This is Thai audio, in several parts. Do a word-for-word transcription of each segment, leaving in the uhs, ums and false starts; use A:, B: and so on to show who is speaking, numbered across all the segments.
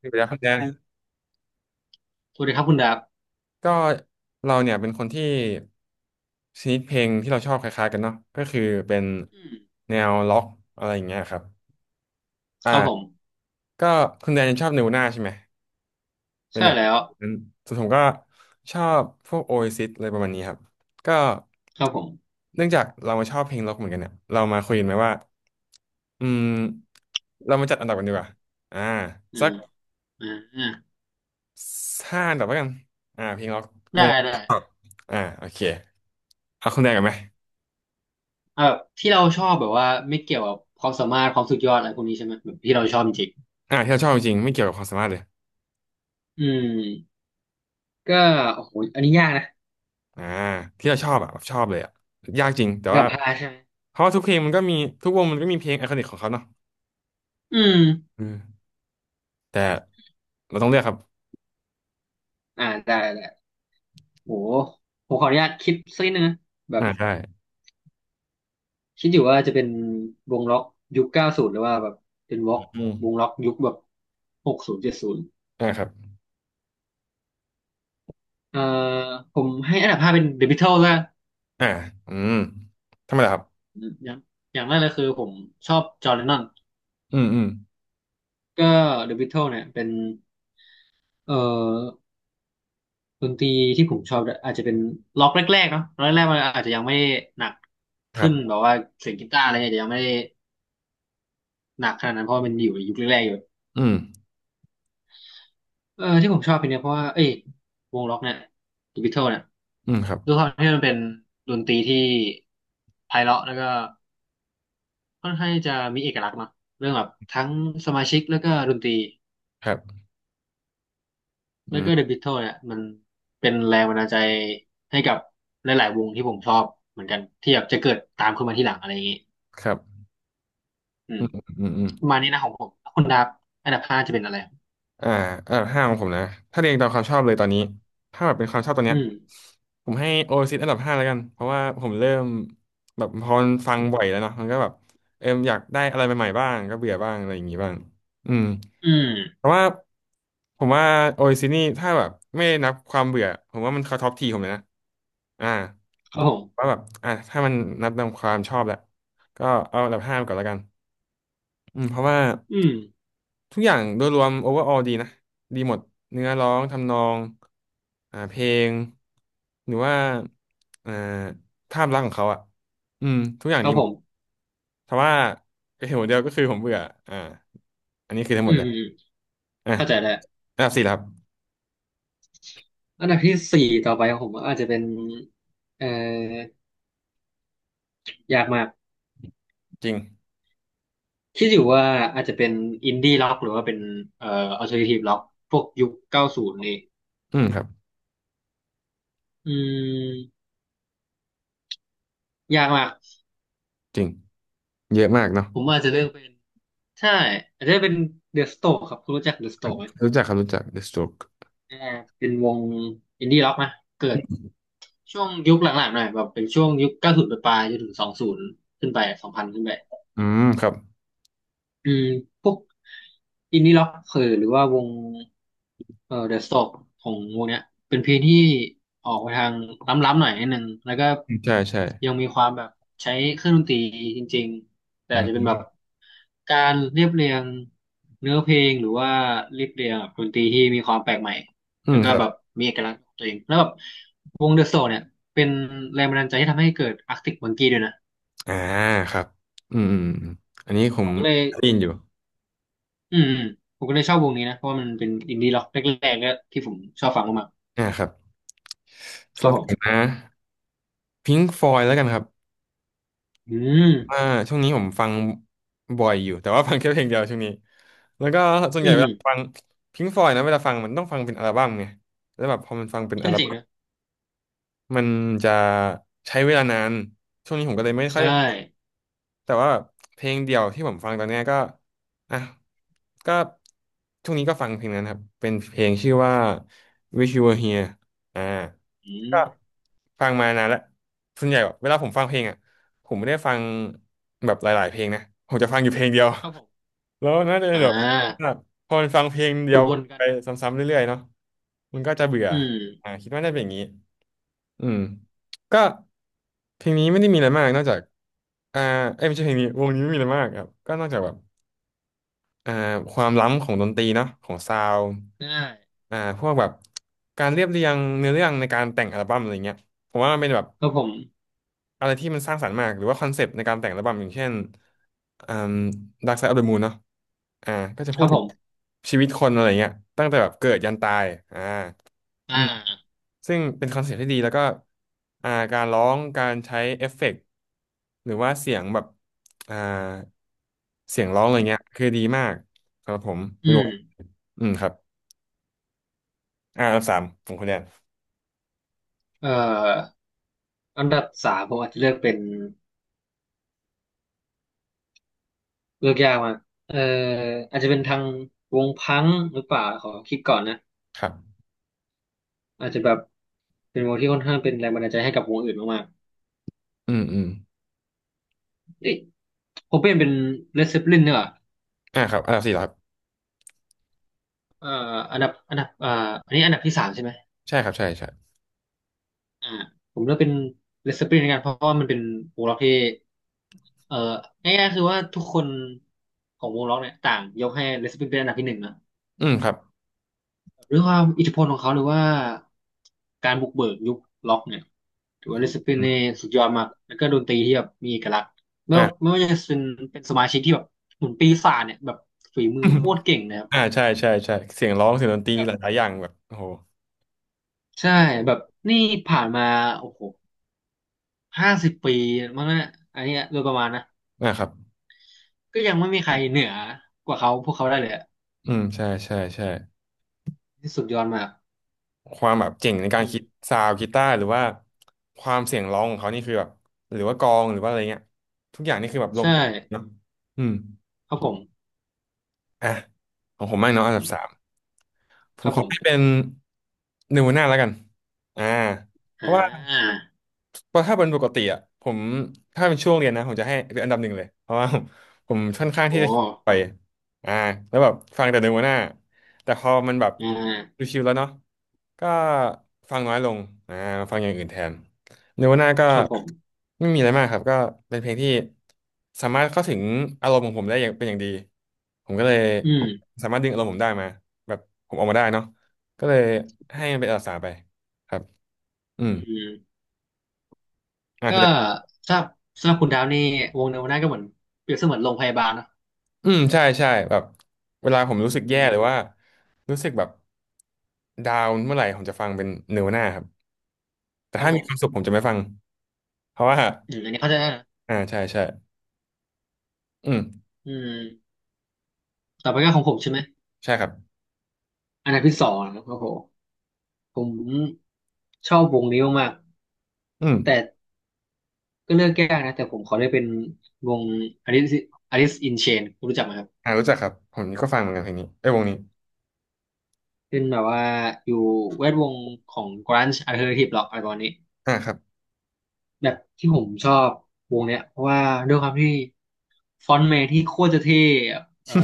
A: เดี๋ยวครแดน
B: สวัสดีครับคุณดับ
A: ก็เราเนี่ยเป็นคนที่ชนิดเพลงที่เราชอบคล้ายๆกันเนาะก็คือเป็น
B: อืม
A: แนวล็อกอะไรอย่างเงี้ยครับ
B: ครับผม
A: อ่าก็คุณแดนยังชอบเนวน่าใช่ไหมเป็น
B: ใช่
A: แบบ
B: แล้ว
A: นั้นส่วนผมก็ชอบพวกโอเอซิสอะไรประมาณนี้ครับก็
B: ครับผม
A: เนื่องจากเรามาชอบเพลงล็อกเหมือนกันเนี่ยเรามาคุยกันไหมว่าอืมเรามาจัดอันดับกันดีกว่าอ่า
B: อื
A: สัก
B: มอ่า
A: ห้าอันดับแล้วกันอ่าเพลงล็อกว
B: ได้
A: งล
B: ได้
A: ็อกอ่าโอเค เอาคนแรกกันไหม
B: เออที่เราชอบแบบว่าไม่เกี่ยวกับความสามารถความสุดยอดอะไรพวกนี้ใช่ไหมแบบที่เราชอบจริง
A: อ่าที่เราชอบจริงๆไม่เกี่ยวกับความสามารถเลย
B: ๆอืมก็โอ้โหอันนี้ยากนะ
A: อ่าที่เราชอบอะแบบชอบเลยอะยากจริงแต่
B: อันดั
A: ว่า
B: บห้าใช่ไหม
A: เพราะว่าทุกเพลงมันก็มีทุกวงมันก็มีเพลงไอคอนิกของเขาเนาะ
B: อืม
A: อืมแต่เราต้องเลือกครับ
B: อ่าได้ได้โหผมขออนุญาตคิดสักนิดนึงนะแบ
A: อ่า
B: บ
A: ใช่
B: คิดอยู่ว่าจะเป็นวงล็อกยุคเก้าศูนย์หรือว่าแบบเป็นวงล็อก
A: อื
B: วง
A: ม
B: ล็อกยุคแบบหกศูนย์เจ็ดศูนย์
A: อ่าครับ
B: เอ่อผมให้อันดับห้าเป็น The Beatles ละ
A: อ่าอืมทำไมล่ะครับ
B: อมอย่างอย่างแรกเลยคือผมชอบจอห์นเลนนอน
A: อืมอืม
B: ก็เดอะบิทเทิลเนี่ยเป็นเอ่อดนตรีที่ผมชอบด้วยอาจจะเป็นล็อกแรกๆเนาะล็อกแรกๆมันอาจจะยังไม่หนัก
A: ครั
B: ขึ้นแบบ
A: บ
B: ว่าเสียงกีตาร์อะไรเงี้ยอาจจะยังไม่ได้หนักขนาดนั้นเพราะว่ามันอยู่ในยุคแรกๆอยู่
A: อืม
B: เออที่ผมชอบเพลงเนี้ยเพราะว่าเอ้ยวงล็อกเนี่ยเดอะบิทเทิลเนี่ย
A: อืมครับ
B: ด้วยความที่มันเป็นดนตรีที่ไพเราะแล้วก็ค่อนข้างที่จะมีเอกลักษณ์เนาะเรื่องแบบทั้งสมาชิกแล้วก็ดนตรี
A: ครับอื
B: แล้วก็เด e ะ
A: ม
B: บิท l ทิเนี่ยมันเป็นแรงบันดาลใจให้กับหลายๆวงที่ผมชอบเหมือนกันที่แบบจะเกิดตามขึ้นมาทีหลังอะไรอย่างงี้
A: ครับ
B: อื
A: อื
B: ม
A: มอืมอืม
B: ประมาณนี้นะของผม้คุณดับอันดับห้าจะเป็นอะไร
A: อ่าเอ่ห้าของผมนะถ้าเรียงตามความชอบเลยตอนนี้ถ้าแบบเป็นความชอบตอน
B: อื
A: เนี้ย
B: ม
A: ผมให้โอซิสอันดับห้าแล้วกันเพราะว่าผมเริ่มแบบพอมันฟังบ่อยแล้วเนาะมันก็แบบเอมอยากได้อะไรใหม่ๆบ้างก็เบื่อบ้างอะไรอย่างงี้บ้างอืม
B: อืม
A: เพราะว่าผมว่าโอซิสนี่ถ้าแบบไม่นับความเบื่อผมว่ามันเขาท็อปทีผมเลยนะอ่า
B: ครับผ
A: ว่า
B: ม
A: แบบอ่าถ้ามันนับตามความชอบแหละก็เอาอันดับห้าก่อนแล้วกันอืมเพราะว่า
B: อืม
A: ทุกอย่างโดยรวมโอเวอร์ออลดีนะดีหมดเนื้อร้องทำนองอ่าเพลงหรือว่าอ่าภาพลักษณ์ของเขาอ่ะอืมทุกอย่าง
B: ครั
A: ดี
B: บ
A: ห
B: ผ
A: มด
B: ม
A: แต่ว่าเหตุผลเดียวก็คือผมเบื่ออ่าอันนี้คือทั้งหม
B: อื
A: ด
B: ม
A: เลย
B: อืมอืม
A: อ่ะ
B: เข้าใจแล้ว
A: อันดับสี่แล้วครับ
B: อันดับที่สี่ต่อไปของผมอาจจะเป็นเอ่อยากมาก
A: จริง
B: คิดอยู่ว่าอาจจะเป็นอินดี้ล็อกหรือว่าเป็นเอ่ออัลเทอร์เนทีฟล็อกพวกยุคเก้าศูนย์นี่
A: อืมครับ
B: อืมยากมาก
A: จริงเยอะมากเนาะ
B: ผมอาจจะเลือกเป็น ใช่อาจจะเป็นเดอะสโตกครับคุณรู้จักเดอะสโตกไหม
A: รู้จักครับรู้จัก The Stroke
B: อ่าเป็นวงอินดี้ร็อกนะเกิดช่วงยุคหลังๆหน่อยแบบเป็นช่วงยุคเก้าศูนย์ปลายๆจนถึงสองศูนย์ขึ้นไปสองพันขึ้นไป
A: อืมครับ
B: อืมพวกอินดี้ร็อกเออหรือว่าวงเออเดอะสโตกของวงเนี้ยเป็นเพลงที่ออกไปทางล้ำๆหน่อยนิดนึงแล้วก็
A: ใช่ใช่
B: ยังมีความแบบใช้เครื่องดนตรีจริงๆแต่
A: อื
B: อาจจะเป็นแบบ
A: ม
B: การเรียบเรียงเนื้อเพลงหรือว่าเรียบเรียงแบบดนตรีที่มีความแปลกใหม่
A: อื
B: แล้
A: ม
B: วก็
A: ครั
B: แบบ
A: บ
B: มีเอกลักษณ์ของตัวเองแล้วแบบวงเดอะสโตกเนี่ยเป็นแรงบันดาลใจที่ทำให้เกิดอาร์ติกมังกี้ด้วยนะ
A: อ่าครับอืมอืมอมอันนี้ผ
B: ผ
A: ม
B: มก็เลย
A: ได้ยินอยู่
B: อืมอืมผมก็เลยชอบวงนี้นะเพราะว่ามันเป็นอินดี้ร็อกแรกๆก็ที่ผมชอบฟังมาก
A: อ่าครับ
B: ๆค
A: สำ
B: รั
A: ห
B: บ
A: รับ
B: ผ
A: ผม
B: ม
A: นะ พิงค์ฟอยแล้วกันครับ
B: อืม
A: อ่าช่วงนี้ผมฟังบ่อยอยู่ แต่ว่าฟังแค่เพลงเดียวช่วงนี้แล้วก็ส่วน
B: อื
A: ใหญ่
B: ม
A: เว
B: อืม
A: ลาฟังพิงค์ฟอยนะเวลาฟังมันต้องฟังเป็นอัลบั้มไงแล้วแบบพอมันฟังเป็นอั
B: ก็
A: ล
B: เจ๋ง
A: บั้ม
B: นะ
A: มันจะใช้เวลานาน ช่วงนี้ผมก็เลยไม่ค่อย
B: ใช่
A: ได้ แต่ว่าเพลงเดียวที่ผมฟังตอนเนี้ยก็อ่ะก็ช่วงนี้ก็ฟังเพลงนั้นครับเป็นเพลงชื่อว่า Wish You Were Here อ่า
B: อืม
A: ก็ฟังมานานแล้วส่วนใหญ่เวลาผมฟังเพลงอ่ะผมไม่ได้ฟังแบบหลายๆเพลงนะผมจะฟังอยู่เพลงเดียว
B: ครับผม
A: แล้วน่าจะเป็
B: อ่
A: นแบบ
B: า
A: พอมันฟังเพลงเดียว
B: วนๆกั
A: ไป
B: น
A: ซ้ำๆเรื่อยๆเนาะมันก็จะเบื่อ
B: อื
A: อ่า
B: ม
A: คิดว่าน่าจะเป็นอย่างนี้ อืมก็เพลงนี้ไม่ได้มีอะไรมากนอกจากอ่าเอ้ยไม่ใช่เพลงนี้วงนี้ไม่มีอะไรมากครับก็นอกจากแบบอ่าความล้ำของดนตรีเนาะของซาวด์
B: ได้
A: อ่าพวกแบบการเรียบเรียงเนื้อเรื่องในการแต่งอัลบั้มอะไรเงี้ยผมว่ามันเป็นแบบ
B: ครับผม
A: อะไรที่มันสร้างสรรค์มากหรือว่าคอนเซปต์ในการแต่งอัลบั้มอย่างเช่นอ่า Dark Side of the Moon เนาะอ่าก็จะ
B: ค
A: พูด
B: รับ
A: ถึ
B: ผ
A: ง
B: ม
A: ชีวิตคนอะไรเงี้ยตั้งแต่แบบเกิดยันตายอ่า
B: อ่
A: อืม
B: า
A: ซึ่งเป็นคอนเซ็ปต์ที่ดีแล้วก็อ่าการร้องการใช้เอฟเฟกต์หรือว่าเสียงแบบอ่าเสียงร้องอะไรเงี้ยคือดีมากครับผม
B: อื
A: ไม่รู้
B: ม
A: อืมครับอ่าอันดับสามของคุณแดน
B: เอ่ออันดับสามผมอาจจะเลือกเป็นเลือกยากมากเอ่ออาจจะเป็นทางวงพังหรือเปล่าขอคิดก่อนนะ
A: ครับ
B: อาจจะแบบเป็นวงที่ค่อนข้างเป็นแรงบันดาลใจให้กับวงอื่นมากๆ
A: อืมอืม
B: เอ้ยโคเปนเป็นเลดเซปลินเนี่ยเหรอ
A: อ่าครับอันดับสี่เหรอครับ
B: เอ่ออันดับอันดับอ่าอันนี้อันดับที่สามใช่ไหม
A: ใช่ครับใช่ใช่
B: อ่าผมเลือกเป็นเลดเซปลินกันเพราะว่ามันเป็นวงล็อกที่เอ่อง่ายๆคือว่าทุกคนของวงล็อกเนี่ยต่างยกให้เลดเซปลินเป็นอันดับที่หนึ่งนะ
A: อืมครับ
B: ด้วยความอิทธิพลของเขาหรือว่าการบุกเบิกยุคล็อกเนี่ยถือว่าเลดเซปลิน
A: อ
B: เนี่ย
A: ม
B: สุดยอดมากแล้วก็ดนตรีที่แบบมีเอกลักษณ์ไม่ว่า
A: อ่า
B: ไม่ว่าจะเป็นเป็นสมาชิกที่แบบเหมือนปีศาจเนี่ยแบบฝีมือโคตรเก่งนะครับ
A: อ่าใช่ใช่ใช่เสียงร้องเสียงดนตรี
B: แบ
A: ห
B: บ
A: ลายๆอย่างแบบโอ้โห
B: ใช่แบบนี่ผ่านมาโอ้โหห้าสิบปีมั้งนะอันเนี้ยโดยประมาณนะ
A: อ่าครับ
B: ก็ยังไม่มีใครเหนือกว่าเขาพวกเขาได้เลยอะ
A: อืมใช่ใช่ใช่
B: ที่สุดยอดมาก
A: ความแบบเก่งในการ
B: อื
A: คิด
B: ม
A: ซาวด์กีตาร์หรือว่าความเสียงร้องของเขานี่คือแบบหรือว่ากลองหรือว่าอะไรเงี้ยทุกอย่างนี่คือแบบลง
B: ใช่
A: ตัวเนาะอืม
B: ครับผม
A: อ่ะของผมบ้างเนาะอันดับสามผ
B: ค
A: ม
B: รับ
A: ข
B: ผ
A: อให้
B: ม
A: เป็นนูน่าแล้วกันอ่าเพ
B: อ่
A: ราะว่า
B: า
A: เพราะถ้าเป็นปกติอ่ะผมถ้าเป็นช่วงเรียนนะผมจะให้เป็นอันดับหนึ่งเลยเพราะว่า ผมค่อนข้างที่
B: โอ้
A: จะไปอ่าแล้วแบบฟังแต่เนื้อหัวหน้าแต่พอมันแบบ
B: อ่า
A: ชิวๆแล้วเนาะก็ฟังน้อยลงอ่าฟังอย่างอื่นแทนเนื้อหัวหน้าก็
B: ครับผม
A: ไม่มีอะไรมากครับก็เป็นเพลงที่สามารถเข้าถึงอารมณ์ของผมได้อย่างเป็นอย่างดีผมก็เลย
B: อืม
A: สามารถดึงอารมณ์ผมได้มาแบบผมออกมาได้เนาะก็เลยให้มันเป็นอันดับสามไปครับอื
B: อื
A: ม
B: ม
A: อ่า
B: ก็
A: คุณ
B: ถ้าสำหรับคุณดาวนี่วงเนวนาก็เหมือนเปรียบเสมือนโรงพยาบาลเนอะ
A: อืมใช่ใช่แบบเวลาผมรู้สึก
B: อื
A: แย่ห
B: ม
A: รือว่ารู้สึกแบบดาวน์เมื่อไหร่ผมจะฟังเป็นเนวนาครับแต่
B: ครับ
A: ถ้า
B: ผ
A: มี
B: ม
A: ความสุขผมจะไม่ฟังเพราะว่า
B: อืมอันนี้เข้าใจได้นะ
A: อ่าใช่ใช่อืม
B: อืมต่อไปก็ของผมใช่ไหม
A: ใช่ครับ
B: อันดับที่สองนะครับผม ผมชอบวงนี้มาก
A: อืม
B: ๆแต่ก็เลือกยากนะ แต่ผมขอได้เป็นวง Alice Alice in Chains คุณรู้จักไหมครับ
A: อ่ารู้จักครับผมก็ฟังเหมือนกันเพลงนี้ไอ้ยวงนี้
B: เป็นแบบว่าอยู่แวดวงของ grunge alternative rock อะไรประมาณนี้
A: อ่าครับ
B: แบบที่ผมชอบวงเนี้ยเพราะว่าด้วยความที่ฟอนต์แมนที่โคตรจะเท่เอ่อ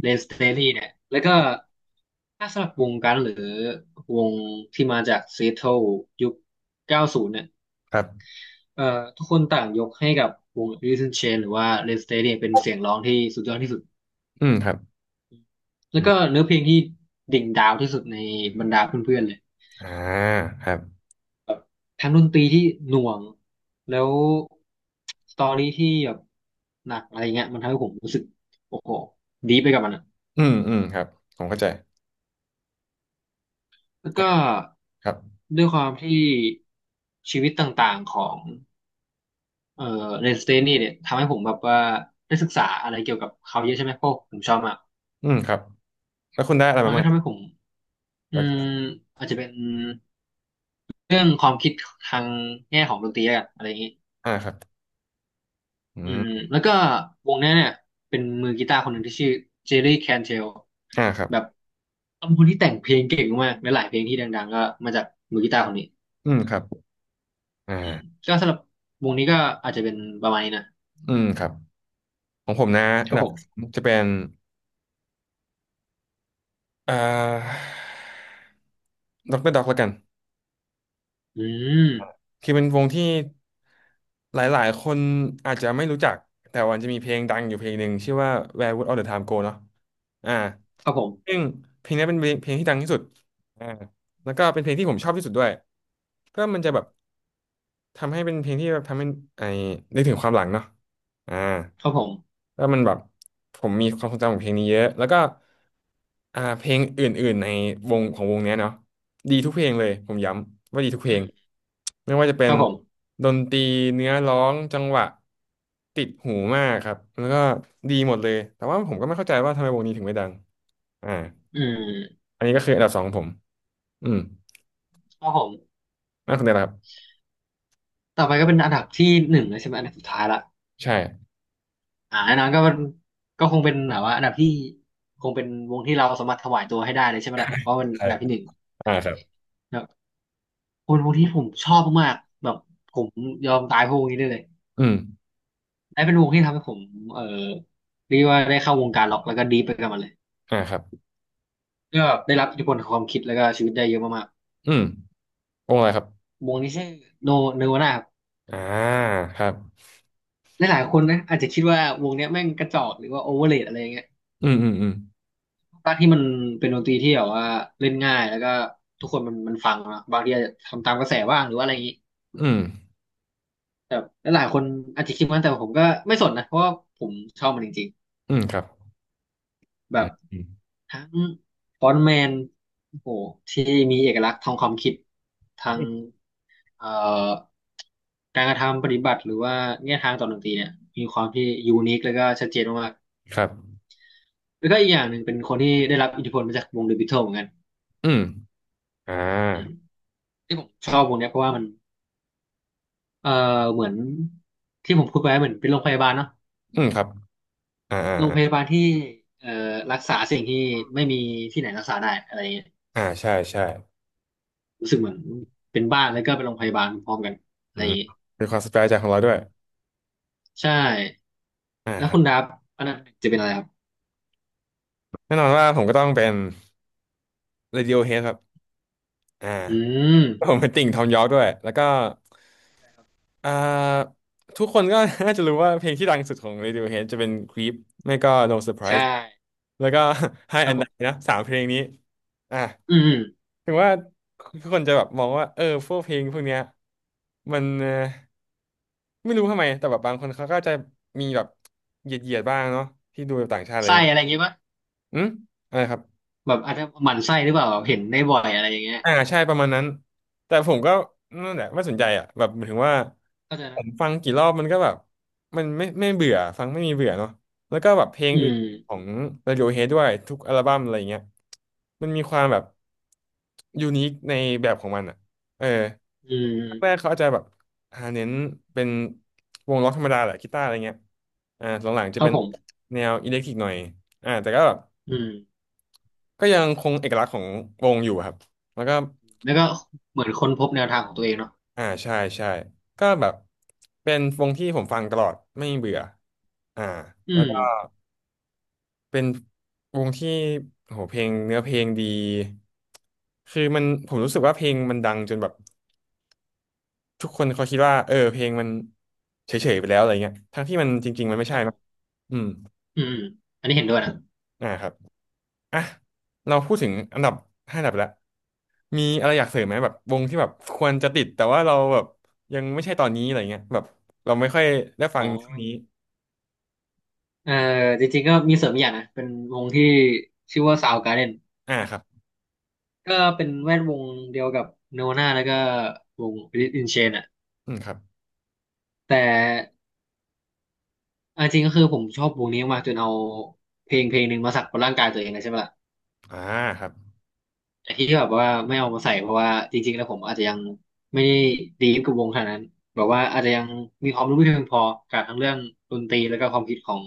B: เลนสเตอรี่เนี่ยแล้วก็ถ้าสำหรับวงกันหรือวงที่มาจากซีแอตเทิลยุคเก้าสิบเนี่ย
A: ครับ
B: เอ่อทุกคนต่างยกให้กับวง Alice in Chains หรือว่า Red State เนี่ยเป็นเสียงร้องที่สุดยอดที่สุด
A: อืมครับ
B: แล้
A: อื
B: ว
A: ม
B: ก็เนื้อเพลงที่ดิ่งดาวที่สุดในบรรดาเพื่อนๆเลย
A: อ่าครับ
B: ทั้งดนตรีที่หน่วงแล้วสตอรี่ที่แบบหนักอะไรเงี้ยมันทำให้ผมรู้สึกโอ้โหดีไปกับมันอะ
A: อืมอืมครับผมเข้าใจ
B: แล้ว
A: อ่ะ
B: ก็
A: ครับ
B: ด้วยความที่ชีวิตต่างๆของเอ่อ Red State เตนนี่เนี่ยทำให้ผมแบบว่าได้ศึกษาอะไรเกี่ยวกับเขาเยอะใช่ไหมเพราะผมชอบมาก
A: อืมครับแล้วคุณได้อะไร
B: มั
A: มา
B: นก็
A: บ้าง
B: ทำให้ผม อื
A: แล้ว
B: มอาจจะเป็นเรื่องความคิดทางแง่ของดนตรีแล้วกันอะไรอย่างนี้
A: อ่าครับอื
B: อืม
A: ม
B: แล้วก็วงเนี้ยเนี่ยเป็นมือกีตาร์คนหนึ่งที่ชื่อเจอร์รี่แคนเทล
A: อ่าครับ
B: แบบเป็นคนที่แต่งเพลงเก่งมากและหลายเพลงที่ดังๆก็มาจากมือกีตาร์คนนี้
A: อืมครับอ่า
B: ก็สำหรับวงนี้ก็อาจจะเป็นประมาณนี้นะ
A: อืมครับของผมนะ
B: ค
A: อั
B: รั
A: น
B: บ
A: ดั
B: ผ
A: บ
B: ม
A: าจะเป็น อ่าด็อกเตอร์ด็อกแล้วกัน
B: อืม
A: คือเป็นวงที่หลายๆ คนอาจจะไม่รู้จัก แต่วันจะมีเพลงดังอยู่เพลงหนึ่งชื่อว่า Where Would All the Time Go เนาะอ่า
B: ครับผม
A: ซึ่งเพลงนี้เป็นเพลงเพลงที่ดังที่สุดอ่าแล้วก็เป็นเพลงที่ผมชอบที่สุดด้วยก็มันจะแบบ ทำให้เป็นเพลงที่แบบทำให้ไอ้นึกถึงความหลังเนาะอ่า
B: ครับผม
A: แล้วมันแบบผมมีความทรงจำของเพลงนี้เยอะแล้วก็อ่าเพลงอื่นๆในวงของวงเนี้ยเนาะดีทุกเพลงเลยผมย้ำว่าดีทุกเพล
B: อื
A: ง
B: ม
A: ไม่ว่าจะเป็
B: ค
A: น
B: รับผม
A: ดนตรีเนื้อร้องจังหวะติดหูมากครับแล้วก็ดีหมดเลยแต่ว่าผมก็ไม่เข้าใจว่าทำไมวงนี้ถึงไม่ดังอ่า
B: อืม
A: อันนี้ก็คืออันดับสองของผมอืม
B: ครับผม
A: นั่นคนเดียวครับ
B: ต่อไปก็เป็นอันดับที่หนึ่งแล้วใช่ไหมอันดับสุดท้ายละ
A: ใช่
B: อ่าแน่นอนก็ก็คงเป็นแบบว่าอันดับที่คงเป็นวงที่เราสามารถถวายตัวให้ได้เลยใช่ไหมล่ะเพราะมัน
A: ใช่
B: อันดับที่หนึ่งอะ
A: อ่า
B: ไรอ
A: ค
B: ย่าง
A: รับ
B: เงี้ยแบบคนวงที่ผมชอบมากๆแบบผมยอมตายพวกวงนี้ได้เลย
A: อืม
B: ไอ้เป็นวงที่ทำให้ผมเออเรียกว่าได้เข้าวงการล็อกแล้วก็ดีไปกับมันเลย
A: อ่าครับ
B: ก็ได้รับอิทธิพลของความคิดแล้วก็ชีวิตได้เยอะมาก
A: อืม วงอะไรครับ
B: ๆวงนี้ชื่อโนเนวาน่าครับ
A: อ่าครับ
B: หลายๆคนนะอาจจะคิดว่าวงเนี้ยแม่งกระจอกหรือว่าโอเวอร์เรทอะไรอย่างเงี้ย
A: อืมอืมอืม
B: ภาคที่มันเป็นดนตรีที่แบบว่าเล่นง่ายแล้วก็ทุกคนมันมันฟังเนอะบางทีอาจจะทำตามกระแสบ้างหรือว่าอะไรอย่างนี้
A: อืม
B: แต่หลายๆคนอาจจะคิดว่าแต่ผมก็ไม่สนนะเพราะว่าผมชอบมันจริง
A: อืมครับ
B: ๆแบ
A: อื
B: บ
A: มอืม
B: ทั้งฟอนต์แมนโอ้โหที่มีเอกลักษณ์ทางความคิดทาง
A: อืม
B: เอ่อการกระทำปฏิบัติหรือว่าแนวทางต่อดนตรีเนี่ยมีความที่ยูนิคแล้วก็ชัดเจนมาก
A: ครับ
B: ๆแล้วก็อีกอย่างหนึ่งเป็นคนที่ได้รับอิทธิพลมาจากวงเดอะบิทเทิลเหมือนกัน
A: อืมอ่า
B: อืมที่ผมชอบวงเนี้ยเพราะว่ามัน เอ่อเหมือนที่ผมพูดไปเหมือนเป็นโรงพยาบาลเนาะ
A: อืมครับอ่า
B: เป็นโรงพ
A: อ่า
B: ยาบาลที่เอ่อรักษาสิ่งที่ไม่มีที่ไหนรักษาได้อะไรอย่างเงี้ย
A: อ่าใช่ใช่
B: รู้สึกเหมือนเป็นบ้านแล้วก็เป็นโรงพยาบาลพร้อมกันอะ
A: อื
B: ไรอ
A: ม
B: ย่างเงี้ย
A: เป็นความสเปรจ์ใของเราด้วย
B: อืมใช่
A: อ่า
B: แล้ว
A: ครั
B: คุ
A: บ
B: ณดับอันดับหนึ่งจะเป็นอะไรครับ
A: แน่นอนว่าผมก็ต้องเป็น Radiohead ครับอ่า
B: อืม
A: ผมเป็นติ่งทอมยอร์กด้วยแล้วก็ อ่า ทุกคนก็ น่าจะรู้ว่าเพลงที่ดังสุดของ Radiohead จะเป็น Creep ไม่ก็ No
B: ใช่
A: Surprise แล้วก็ High
B: ครับ
A: and
B: ผ
A: Die
B: ม
A: นะสามเพลงนี้อ่ะ
B: อืมอืม
A: ถึงว่าคนจะแบบมองว่าเออพวกเพลงพวกเนี้ยมันเอ่อไม่รู้ทำไมแต่แบบบางคนเขาก็จะมีแบบเหยียดๆบ้างเนาะที่ดูแบบต่าง
B: ห
A: ชา
B: มั่
A: ติ
B: น
A: อะไร
B: ไส้
A: เงี้ย
B: อะไรอย่างเงี้ยปะ
A: อืมอะไรครับ
B: แบบอาจจะหมั่นไส้หรือเปล่าเห็นได้บ่อยอะไรอย่างเงี้ย
A: อ่าใช่ประมาณนั้นแต่ผมก็นั่นแหละไม่สนใจอ่ะแบบหมายถึงว่า
B: เข้าใจ
A: ผ
B: นะ
A: มฟังกี่รอบมันก็แบบมันไม่ไม่เบื่อฟังไม่มีเบื่อเนาะแล้วก็แบบเพลง
B: อื
A: อื่นขอ
B: ม
A: ง Radiohead ด้วยทุกอัลบั้มอะไรเงี้ยมันมีความแบบยูนิคในแบบของมันอ่ะเออ
B: อื
A: แรกๆ
B: ม
A: เขาอาจจะแบบหาเน้นเป็นวงล็อกธรรมดาแหละกีตาร์อะไรเงี้ยอ่าหลังๆจะ
B: ครับ
A: เป็น
B: ผม
A: แนวอิเล็กทริกหน่อยอ่าแต่ก็แบบ
B: อืม
A: ก็ยังคงเอกลักษณ์ของวงอยู่ครับแล้วก็
B: แล้วก็เหมือนค้นพบแนวทางของตัวเองเนาะ
A: อ่าใช่ใช่ก็แบบเป็นวงที่ผมฟังตลอดไม่เบื่ออ่า
B: อื
A: แล้ว
B: ม
A: ก็เป็นวงที่โหเพลงเนื้อเพลงดีคือมันผมรู้สึกว่าเพลงมันดังจนแบบทุกคนเขาคิดว่าเออเพลงมันเฉยๆไปแล้วอะไรเงี้ยทั้งที่มันจริงๆมันไม่
B: ค
A: ใช่
B: รับผ
A: นะ
B: ม
A: อืม
B: อืมอันนี้เห็นด้วยนะ
A: อ่าครับอ่ะเราพูดถึงอันดับห้าอันดับแล้วมีอะไรอยากเสริมไหมแบบวงที่แบบควรจะติดแต่ว่าเราแบบยังไม่ใช่ตอนนี้อะไรเงี้ยแบบเราไม่ค่อยได้ฟั
B: อ๋
A: ง
B: อ
A: ช่วนี้
B: เออจริงๆก็มีเสริมอกอย่างนะเป็นวงที่ชื่อว่า o าวกา a r d e น
A: อ่าครับ
B: ก็เป็นแวดวงเดียวกับ n นวานาแล้วก็วงอินเชนอะ
A: อืมครับ
B: แต่เอาจริงก็คือผมชอบวงนี้มากจนเอาเพลงเพลงหนึ่งมาสักบนร่างกายตัวเองเลยใช่ไหมล่ะ
A: อ่าครับ
B: แต่ที่แบบว่าไม่เอามาใส่เพราะว่าจริงๆแล้วผมอาจจะยังไม่ได้ดีฟกับวงขนาดนั้นแบบว่าอาจจะยังมีความรู้ไม่เพียงพอกับทั้งเรื่องดนตรีแล้วก็ความคิดของ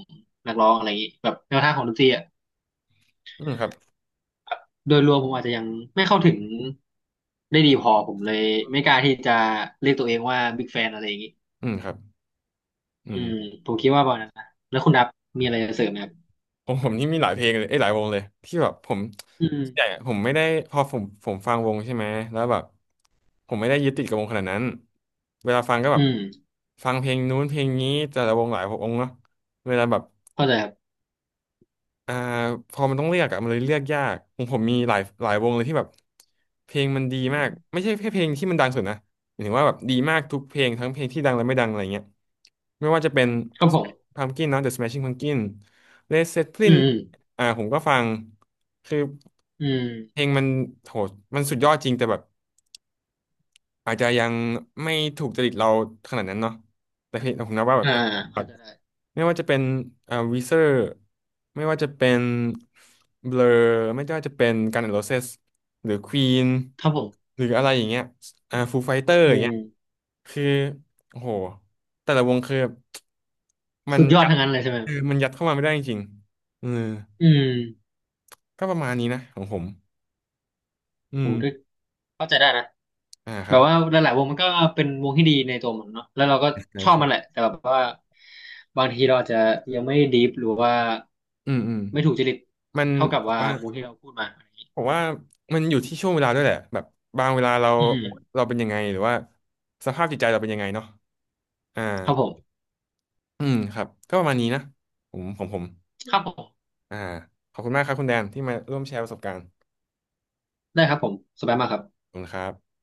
B: นักร้องอะไรอย่างนี้แบบแนวทางของดนตรีอะ
A: อืมครับ
B: โดยรวมผมอาจจะยังไม่เข้าถึงได้ดีพอผมเลยไม่กล้าที่จะเรียกตัวเองว่าบิ๊กแฟนอะไรอย่างนี้
A: อืมครับอื
B: อืม
A: ม
B: ผมคิดว่าประมาณนั้นนะแล้วคุณดับมีอะไรจะเสริมไหมครับ
A: ผมผมนี่มีหลายเพลงเลยเอ้ยหลายวงเลยที่แบบผม
B: อืม
A: ใหญ่อะผมไม่ได้พอผมผมฟังวงใช่ไหมแล้วแบบผมไม่ได้ยึดติดกับวงขนาดนั้น เวลาฟังก็แบ
B: อื
A: บ
B: ม
A: ฟังเพลงนู้นเพลงนี้แต่ละวงหลายวงเนาะเวลาแบบ
B: เข้าใจครับ
A: อ่าพอมันต้องเลือกอะมันเลยเลือกยากผมผมมีหลายหลายวงเลยที่แบบเพลงมันดีมากไม่ใช่แค่เพลงที่มันดังสุดนะหมายถึงว่าแบบดีมากทุกเพลงทั้งเพลงที่ดังและไม่ดังอะไรเงี้ยไม่ว่าจะเป็น
B: ครับผม
A: Pumpkin เนาะ The Smashing Pumpkin Led
B: อื
A: Zeppelin
B: ม
A: อ่าผมก็ฟังคือ
B: อื
A: เพล
B: ม
A: งมันโหมันสุดยอดจริงแต่แบบอาจจะยังไม่ถูกจริตเราขนาดนั้นเนาะแต่เพลงผมนับว่าแบบ
B: อ่าเข้าใจได้
A: ไม่ว่าจะเป็นอ่าวีเซอร์ไม่ว่าจะเป็นเบลอไม่ว่าจะเป็นกัน n อน์โรเซสหรือควีน
B: ครับผม
A: หรืออะไรอย่างเงี้ยอ่าฟูไฟเตอร์อ
B: อื
A: ย่างเงี้ย
B: ม
A: คือโอ้โหแต่ละวงคือมัน
B: สุดยอด
A: ยัด
B: ทั้งนั้นเลยใช่ไหมค
A: เอ
B: รั
A: อ
B: บ
A: มันยัดเข้ามาไม่ได้จริงๆเออ
B: อืม
A: ก็ประมาณนี้นะของผมอื
B: ผ
A: ม
B: มก็เข้าใจได้นะ
A: อ่าค
B: แบ
A: รับ
B: บว่าหลายๆวงมันก็เป็นวงที่ดีในตัวมันเนาะแล้วเราก็
A: ใช่
B: ชอบมันแหละ
A: ใช่
B: แต่แบบว่าบางทีเราอาจจะยังไม่ดีฟหรือว่า
A: อืมอืม
B: ไม่ถูกจริต
A: มัน
B: เท่ากับ
A: ผม
B: ว่า
A: ว่า
B: วงที่เราพูดมาอะไรอย่างนี้
A: ผมว่ามันอยู่ที่ช่วงเวลาด้วยแหละแบบบางเวลาเรา
B: อืม
A: เราเป็นยังไงหรือว่าสภาพจิตใจเราเป็นยังไงเนาะอ่า
B: ครับผม
A: อืมครับก็ประมาณนี้นะผมผมผม
B: ครับผม
A: อ่าขอบคุณมากครับคุณแดนที่มาร่วมแชร์ประสบการณ์
B: ได้ครับผมสบายมากครั
A: ข
B: บ
A: อบคุณครับ